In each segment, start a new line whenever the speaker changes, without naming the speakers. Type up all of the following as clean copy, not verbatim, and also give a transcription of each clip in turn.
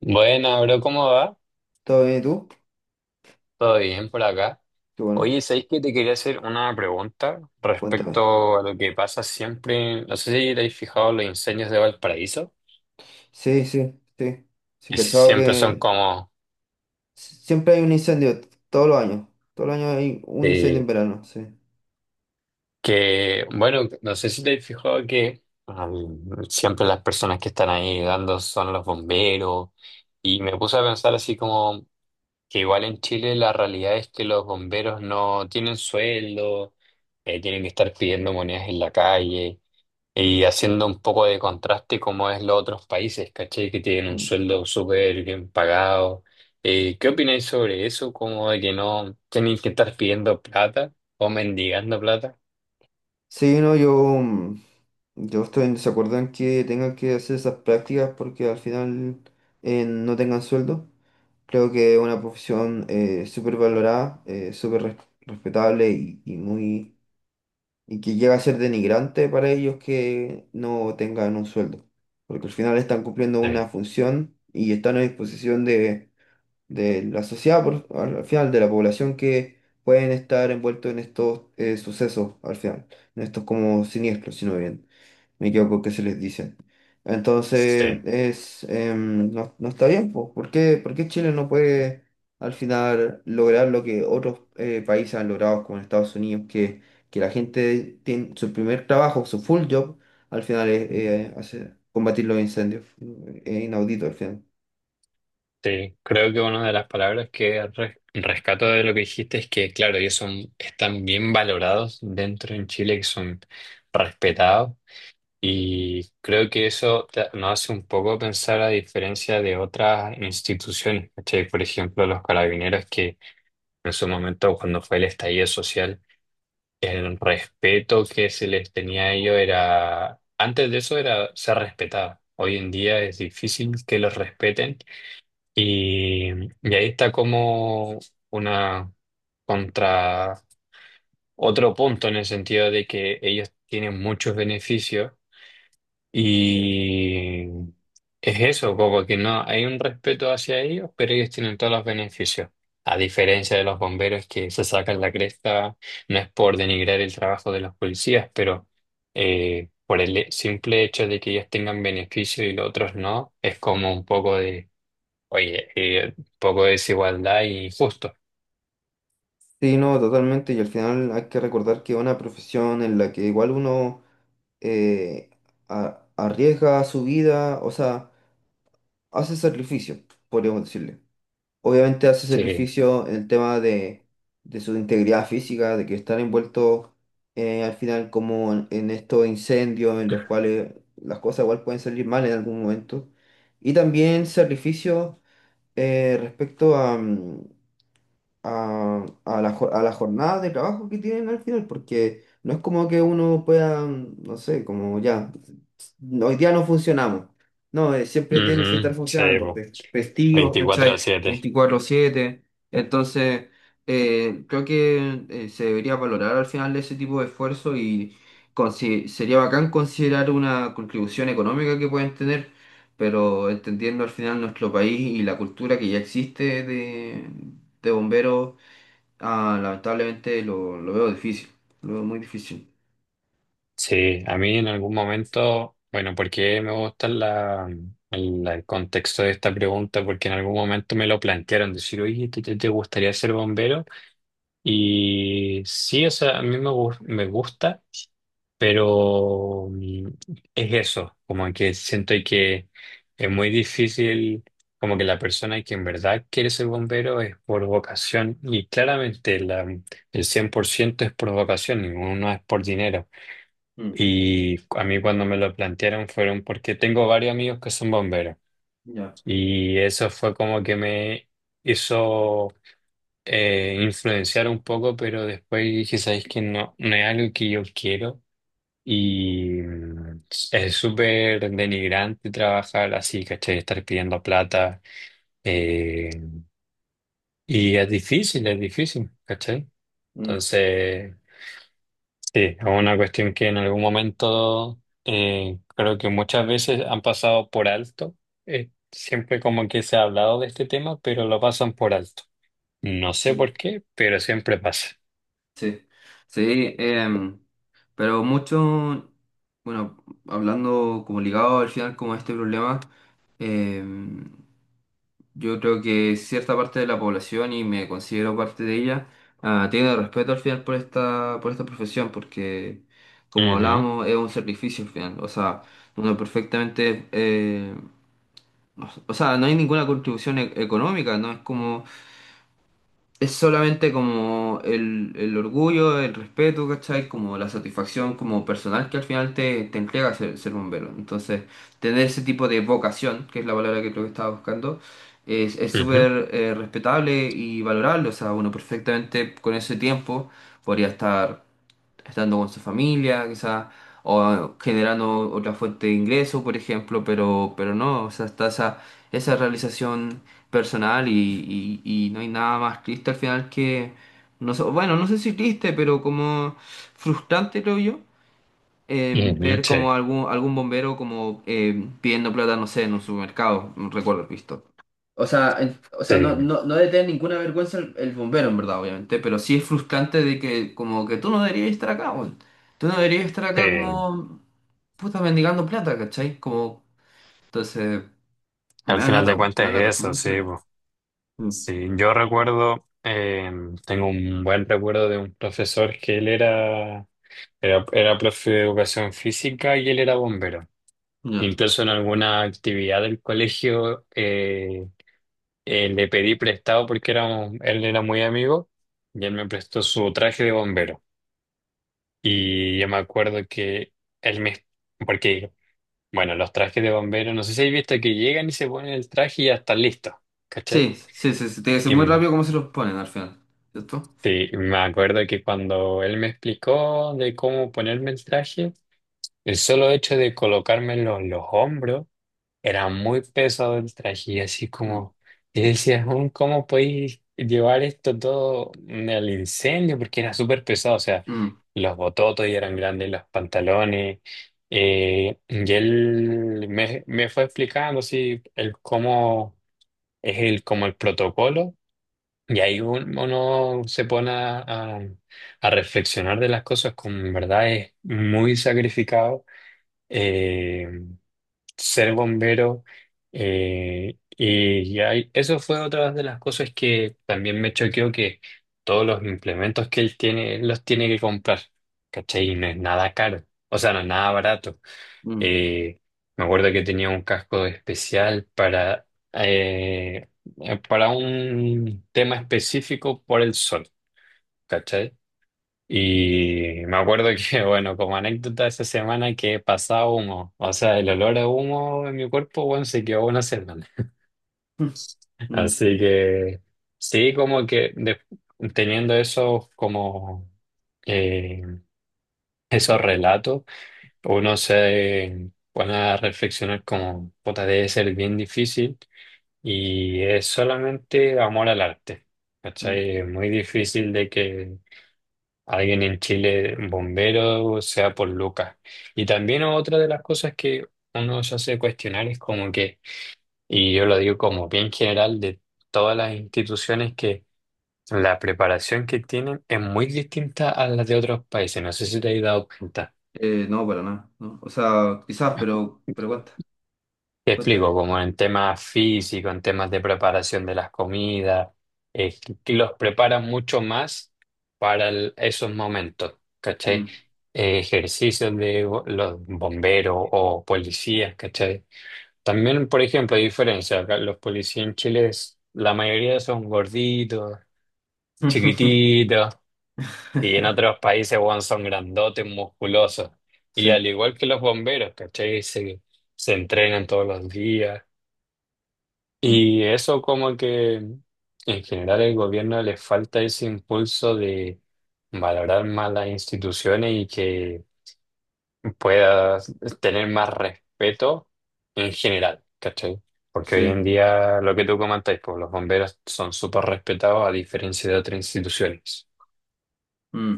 Buena, bro, ¿cómo va?
¿Todo bien y tú?
¿Todo bien por acá?
Qué bueno,
Oye, ¿sabéis que te quería hacer una pregunta
cuéntame.
respecto a lo que pasa siempre? No sé si te habéis fijado los incendios de Valparaíso,
Sí, sí, sí. Sí,
que
cachado
siempre son
que
como
siempre hay un incendio, todos los años. Todos los años hay un incendio
eh,
en verano, sí.
bueno, no sé si te habéis fijado que siempre las personas que están ahí dando son los bomberos y me puse a pensar así como que igual en Chile la realidad es que los bomberos no tienen sueldo. Tienen que estar pidiendo monedas en la calle. Y haciendo un poco de contraste como es los otros países, ¿cachai? Que tienen un
Mm.
sueldo súper bien pagado. ¿Qué opináis sobre eso? Como de que no tienen que estar pidiendo plata o mendigando plata.
Sí, no, yo, mm, yo estoy en desacuerdo en que tengan que hacer esas prácticas porque al final no tengan sueldo. Creo que es una profesión súper valorada, respetable y muy que llega a ser denigrante para ellos que no tengan un sueldo, porque al final están cumpliendo una
Sí,
función y están a disposición de la sociedad, al final de la población que pueden estar envueltos en estos sucesos, al final, en estos como siniestros, sino bien me equivoco que se les dice. Entonces,
sí,
no, no está bien, pues. ¿ por qué Chile no puede al final lograr lo que otros países han logrado, como en Estados Unidos, que la gente tiene su primer trabajo, su full job, al final es combatir los incendios? Es inaudito al final.
sí, creo que una de las palabras que rescato de lo que dijiste es que, claro, ellos son, están bien valorados dentro en Chile, que son respetados. Y creo que eso nos hace un poco pensar a diferencia de otras instituciones, ¿cachai? Por ejemplo, los carabineros que en su momento, cuando fue el estallido social, el respeto que se les tenía a ellos era, antes de eso era ser respetado. Hoy en día es difícil que los respeten y, y ahí está como una contra otro punto en el sentido de que ellos tienen muchos beneficios y es eso, como que no hay un respeto hacia ellos, pero ellos tienen todos los beneficios. A diferencia de los bomberos que se sacan la cresta, no es por denigrar el trabajo de los policías, pero por el simple hecho de que ellos tengan beneficio y los otros no, es como un poco de, oye, un poco de desigualdad y injusto.
Sí, no, totalmente. Y al final hay que recordar que es una profesión en la que igual uno eh, arriesga su vida, o sea, hace sacrificio, podríamos decirle. Obviamente hace
Sí.
sacrificio en el tema de su integridad física, de que están envueltos al final como en estos incendios en los cuales las cosas igual pueden salir mal en algún momento. Y también sacrificio respecto a la, a la jornada de trabajo que tienen al final, porque no es como que uno pueda, no sé, como ya, hoy día no funcionamos. No, siempre tienen que
Ujú,
estar
sí,
funcionando,
po.
festivos,
24
cachai,
a 7.
24/7. Entonces, creo que se debería valorar al final ese tipo de esfuerzo y sería bacán considerar una contribución económica que pueden tener, pero entendiendo al final nuestro país y la cultura que ya existe de bomberos. Ah, lamentablemente lo veo difícil, lo veo muy difícil.
Sí, a mí en algún momento, bueno, porque me gusta la, el contexto de esta pregunta, porque en algún momento me lo plantearon, decir, oye, ¿te, te gustaría ser bombero? Y sí, o sea, a mí me, me gusta, pero mm, es eso, como que siento que es muy difícil, como que la persona que en verdad quiere ser bombero es por vocación, y claramente la, el 100% es por vocación, ninguno es por dinero.
Mm,
Y a mí cuando me lo plantearon fueron porque tengo varios amigos que son bomberos
ya,
y eso fue como que me hizo influenciar un poco, pero después dije, ¿sabéis que no, no es algo que yo quiero? Y mm, es súper denigrante trabajar así, ¿cachai? Estar pidiendo plata, eh, y es difícil, ¿cachai?
mm,
Entonces... Sí, es una cuestión que en algún momento creo que muchas veces han pasado por alto. Siempre como que se ha hablado de este tema, pero lo pasan por alto. No sé por
sí,
qué, pero siempre pasa.
sí, sí, pero mucho, bueno, hablando como ligado al final como a este problema, em, yo creo que cierta parte de la población, y me considero parte de ella, tiene respeto al final por esta profesión, porque como
Ujú,
hablábamos, es un sacrificio al final. O sea, uno perfectamente o sea, no hay ninguna contribución económica, ¿no? Es como, es solamente como el orgullo, el respeto, ¿cachai? Como la satisfacción como personal que al final te entrega ser bombero. Entonces, tener ese tipo de vocación, que es la palabra que creo que estaba buscando, es
ujú,
súper respetable y valorable. O sea, uno perfectamente con ese tiempo podría estar estando con su familia, quizás, o generando otra fuente de ingreso, por ejemplo, pero no, o sea, está esa, esa realización personal y no hay nada más triste al final que, no sé, bueno, no sé si triste, pero como frustrante, creo yo,
ujú,
ver
sí,
como algún bombero como pidiendo plata, no sé, en un supermercado, no recuerdo haber visto. O sea, no,
sí,
no, no debe tener ninguna vergüenza el bombero, en verdad, obviamente, pero sí es frustrante de que como que tú no deberías estar acá, weón. Tú no deberías estar
sí.
acá como puta mendigando plata, ¿cachai? Como, entonces, me
Al
da
final
lata,
de
weón,
cuentas
me da lata,
es
me da
eso,
mucha
sí,
lata.
po.
Mm,
Sí, yo recuerdo, tengo un buen recuerdo de un profesor que era profe de educación física y él era bombero.
ya.
Incluso en alguna actividad del colegio, le pedí prestado porque él era muy amigo y él me prestó su traje de bombero. Y yo me acuerdo que él me... Porque, bueno, los trajes de bombero, no sé si habéis visto que llegan y se ponen el traje y ya están listos, ¿cachai?
Sí, sí, sí, sí, tiene que ser
Y,
muy
mm,
rápido cómo se los ponen al final, ¿cierto?
sí, me acuerdo que cuando él me explicó de cómo ponerme el traje, el solo hecho de colocármelo en los hombros, era muy pesado el traje y así
Mm,
como, y decía, "Jun, ¿cómo podéis llevar esto todo al incendio? Porque era súper pesado, o sea,
mm,
los bototos ya eran grandes, los pantalones, y él me, me fue explicando así el cómo es el, como el protocolo, y ahí uno se pone a, a reflexionar de las cosas como en verdad es muy sacrificado. eh, Ser bombero. Y ya, y eso fue otra de las cosas que también me choqueó, que todos los implementos que él tiene, él los tiene que comprar, ¿cachai? Y no es nada caro, o sea, no es nada barato.
mm,
Eh, Me acuerdo que tenía un casco especial eh, para un tema específico por el sol, ¿cachai? Y me acuerdo que, bueno, como anécdota esa semana que pasaba humo, o sea, el olor a humo en mi cuerpo, bueno, se quedó una semana.
mm, mm,
Así que sí, como que teniendo esos como eh, esos relatos, uno se pone a reflexionar como, puta, debe ser bien difícil y es solamente amor al arte.
mm.
¿Cachai? Es muy difícil de que alguien en Chile, bombero, sea por Lucas. Y también otra de las cosas que uno se hace cuestionar es como que, y yo lo digo como bien general de todas las instituciones, que la preparación que tienen es muy distinta a la de otros países. No sé si te has dado cuenta.
No, para nada, ¿no? O sea, quizás, pero cuenta,
Te explico,
cuéntame.
como en temas físicos, en temas de preparación de las comidas, eh, que los preparan mucho más para esos momentos, ¿cachai?
Mm.
Ejercicios de los bomberos o policías, ¿cachai? También, por ejemplo, hay diferencia, acá los policías en Chile, la mayoría son gorditos, chiquititos, y en otros países, weón, son grandotes, musculosos. Y
Sí,
al igual que los bomberos, ¿cachai? Se entrenan todos los días.
mm,
Y eso como que en general el gobierno le falta ese impulso de valorar más las instituciones y que pueda tener más respeto en general, ¿cachai? Porque hoy
sí,
en día lo que tú comentáis, pues los bomberos son súper respetados a diferencia de otras instituciones.
mm.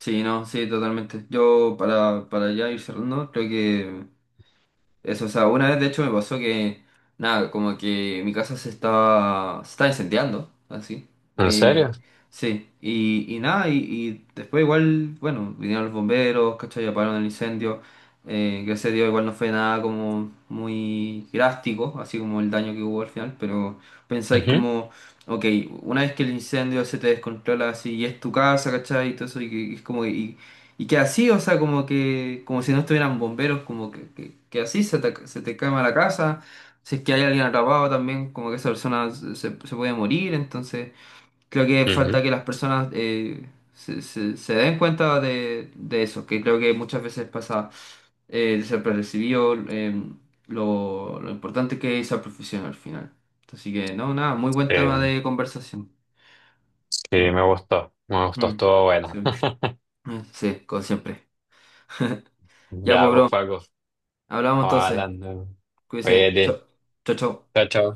Sí, no, sí, totalmente. Yo para ya ir cerrando, creo que eso, o sea, una vez de hecho me pasó que, nada, como que mi casa se estaba incendiando, así.
¿En
Eh,
serio?
sí, y nada, y después igual, bueno, vinieron los bomberos, ¿cachai? Apagaron el incendio. Gracias a Dios igual no fue nada como muy drástico, así como el daño que hubo al final, pero pensáis
Ujú,
como, ok, una vez que el incendio se te descontrola así y es tu casa, ¿cachai? Y todo eso, y es como, y que así, o sea, como que, como si no estuvieran bomberos, como que así se te quema la casa. Si es que hay alguien atrapado también, como que esa persona se, se puede morir. Entonces, creo que
ujú.
falta que las personas se den cuenta de eso, que creo que muchas veces pasa eh, de eh, lo importante que es esa profesión al final. Así que, no, nada, muy buen
Eh,
tema de conversación.
sí,
Sí,
me gustó,
Mm,
estuvo
sí.
bueno.
Sí, como siempre. Ya,
Ya,
pues,
pues
bro.
Paco,
Hablamos
estamos
entonces.
hablando.
Cuídese. Chao,
Oye,
chao. Chao.
chao, chao.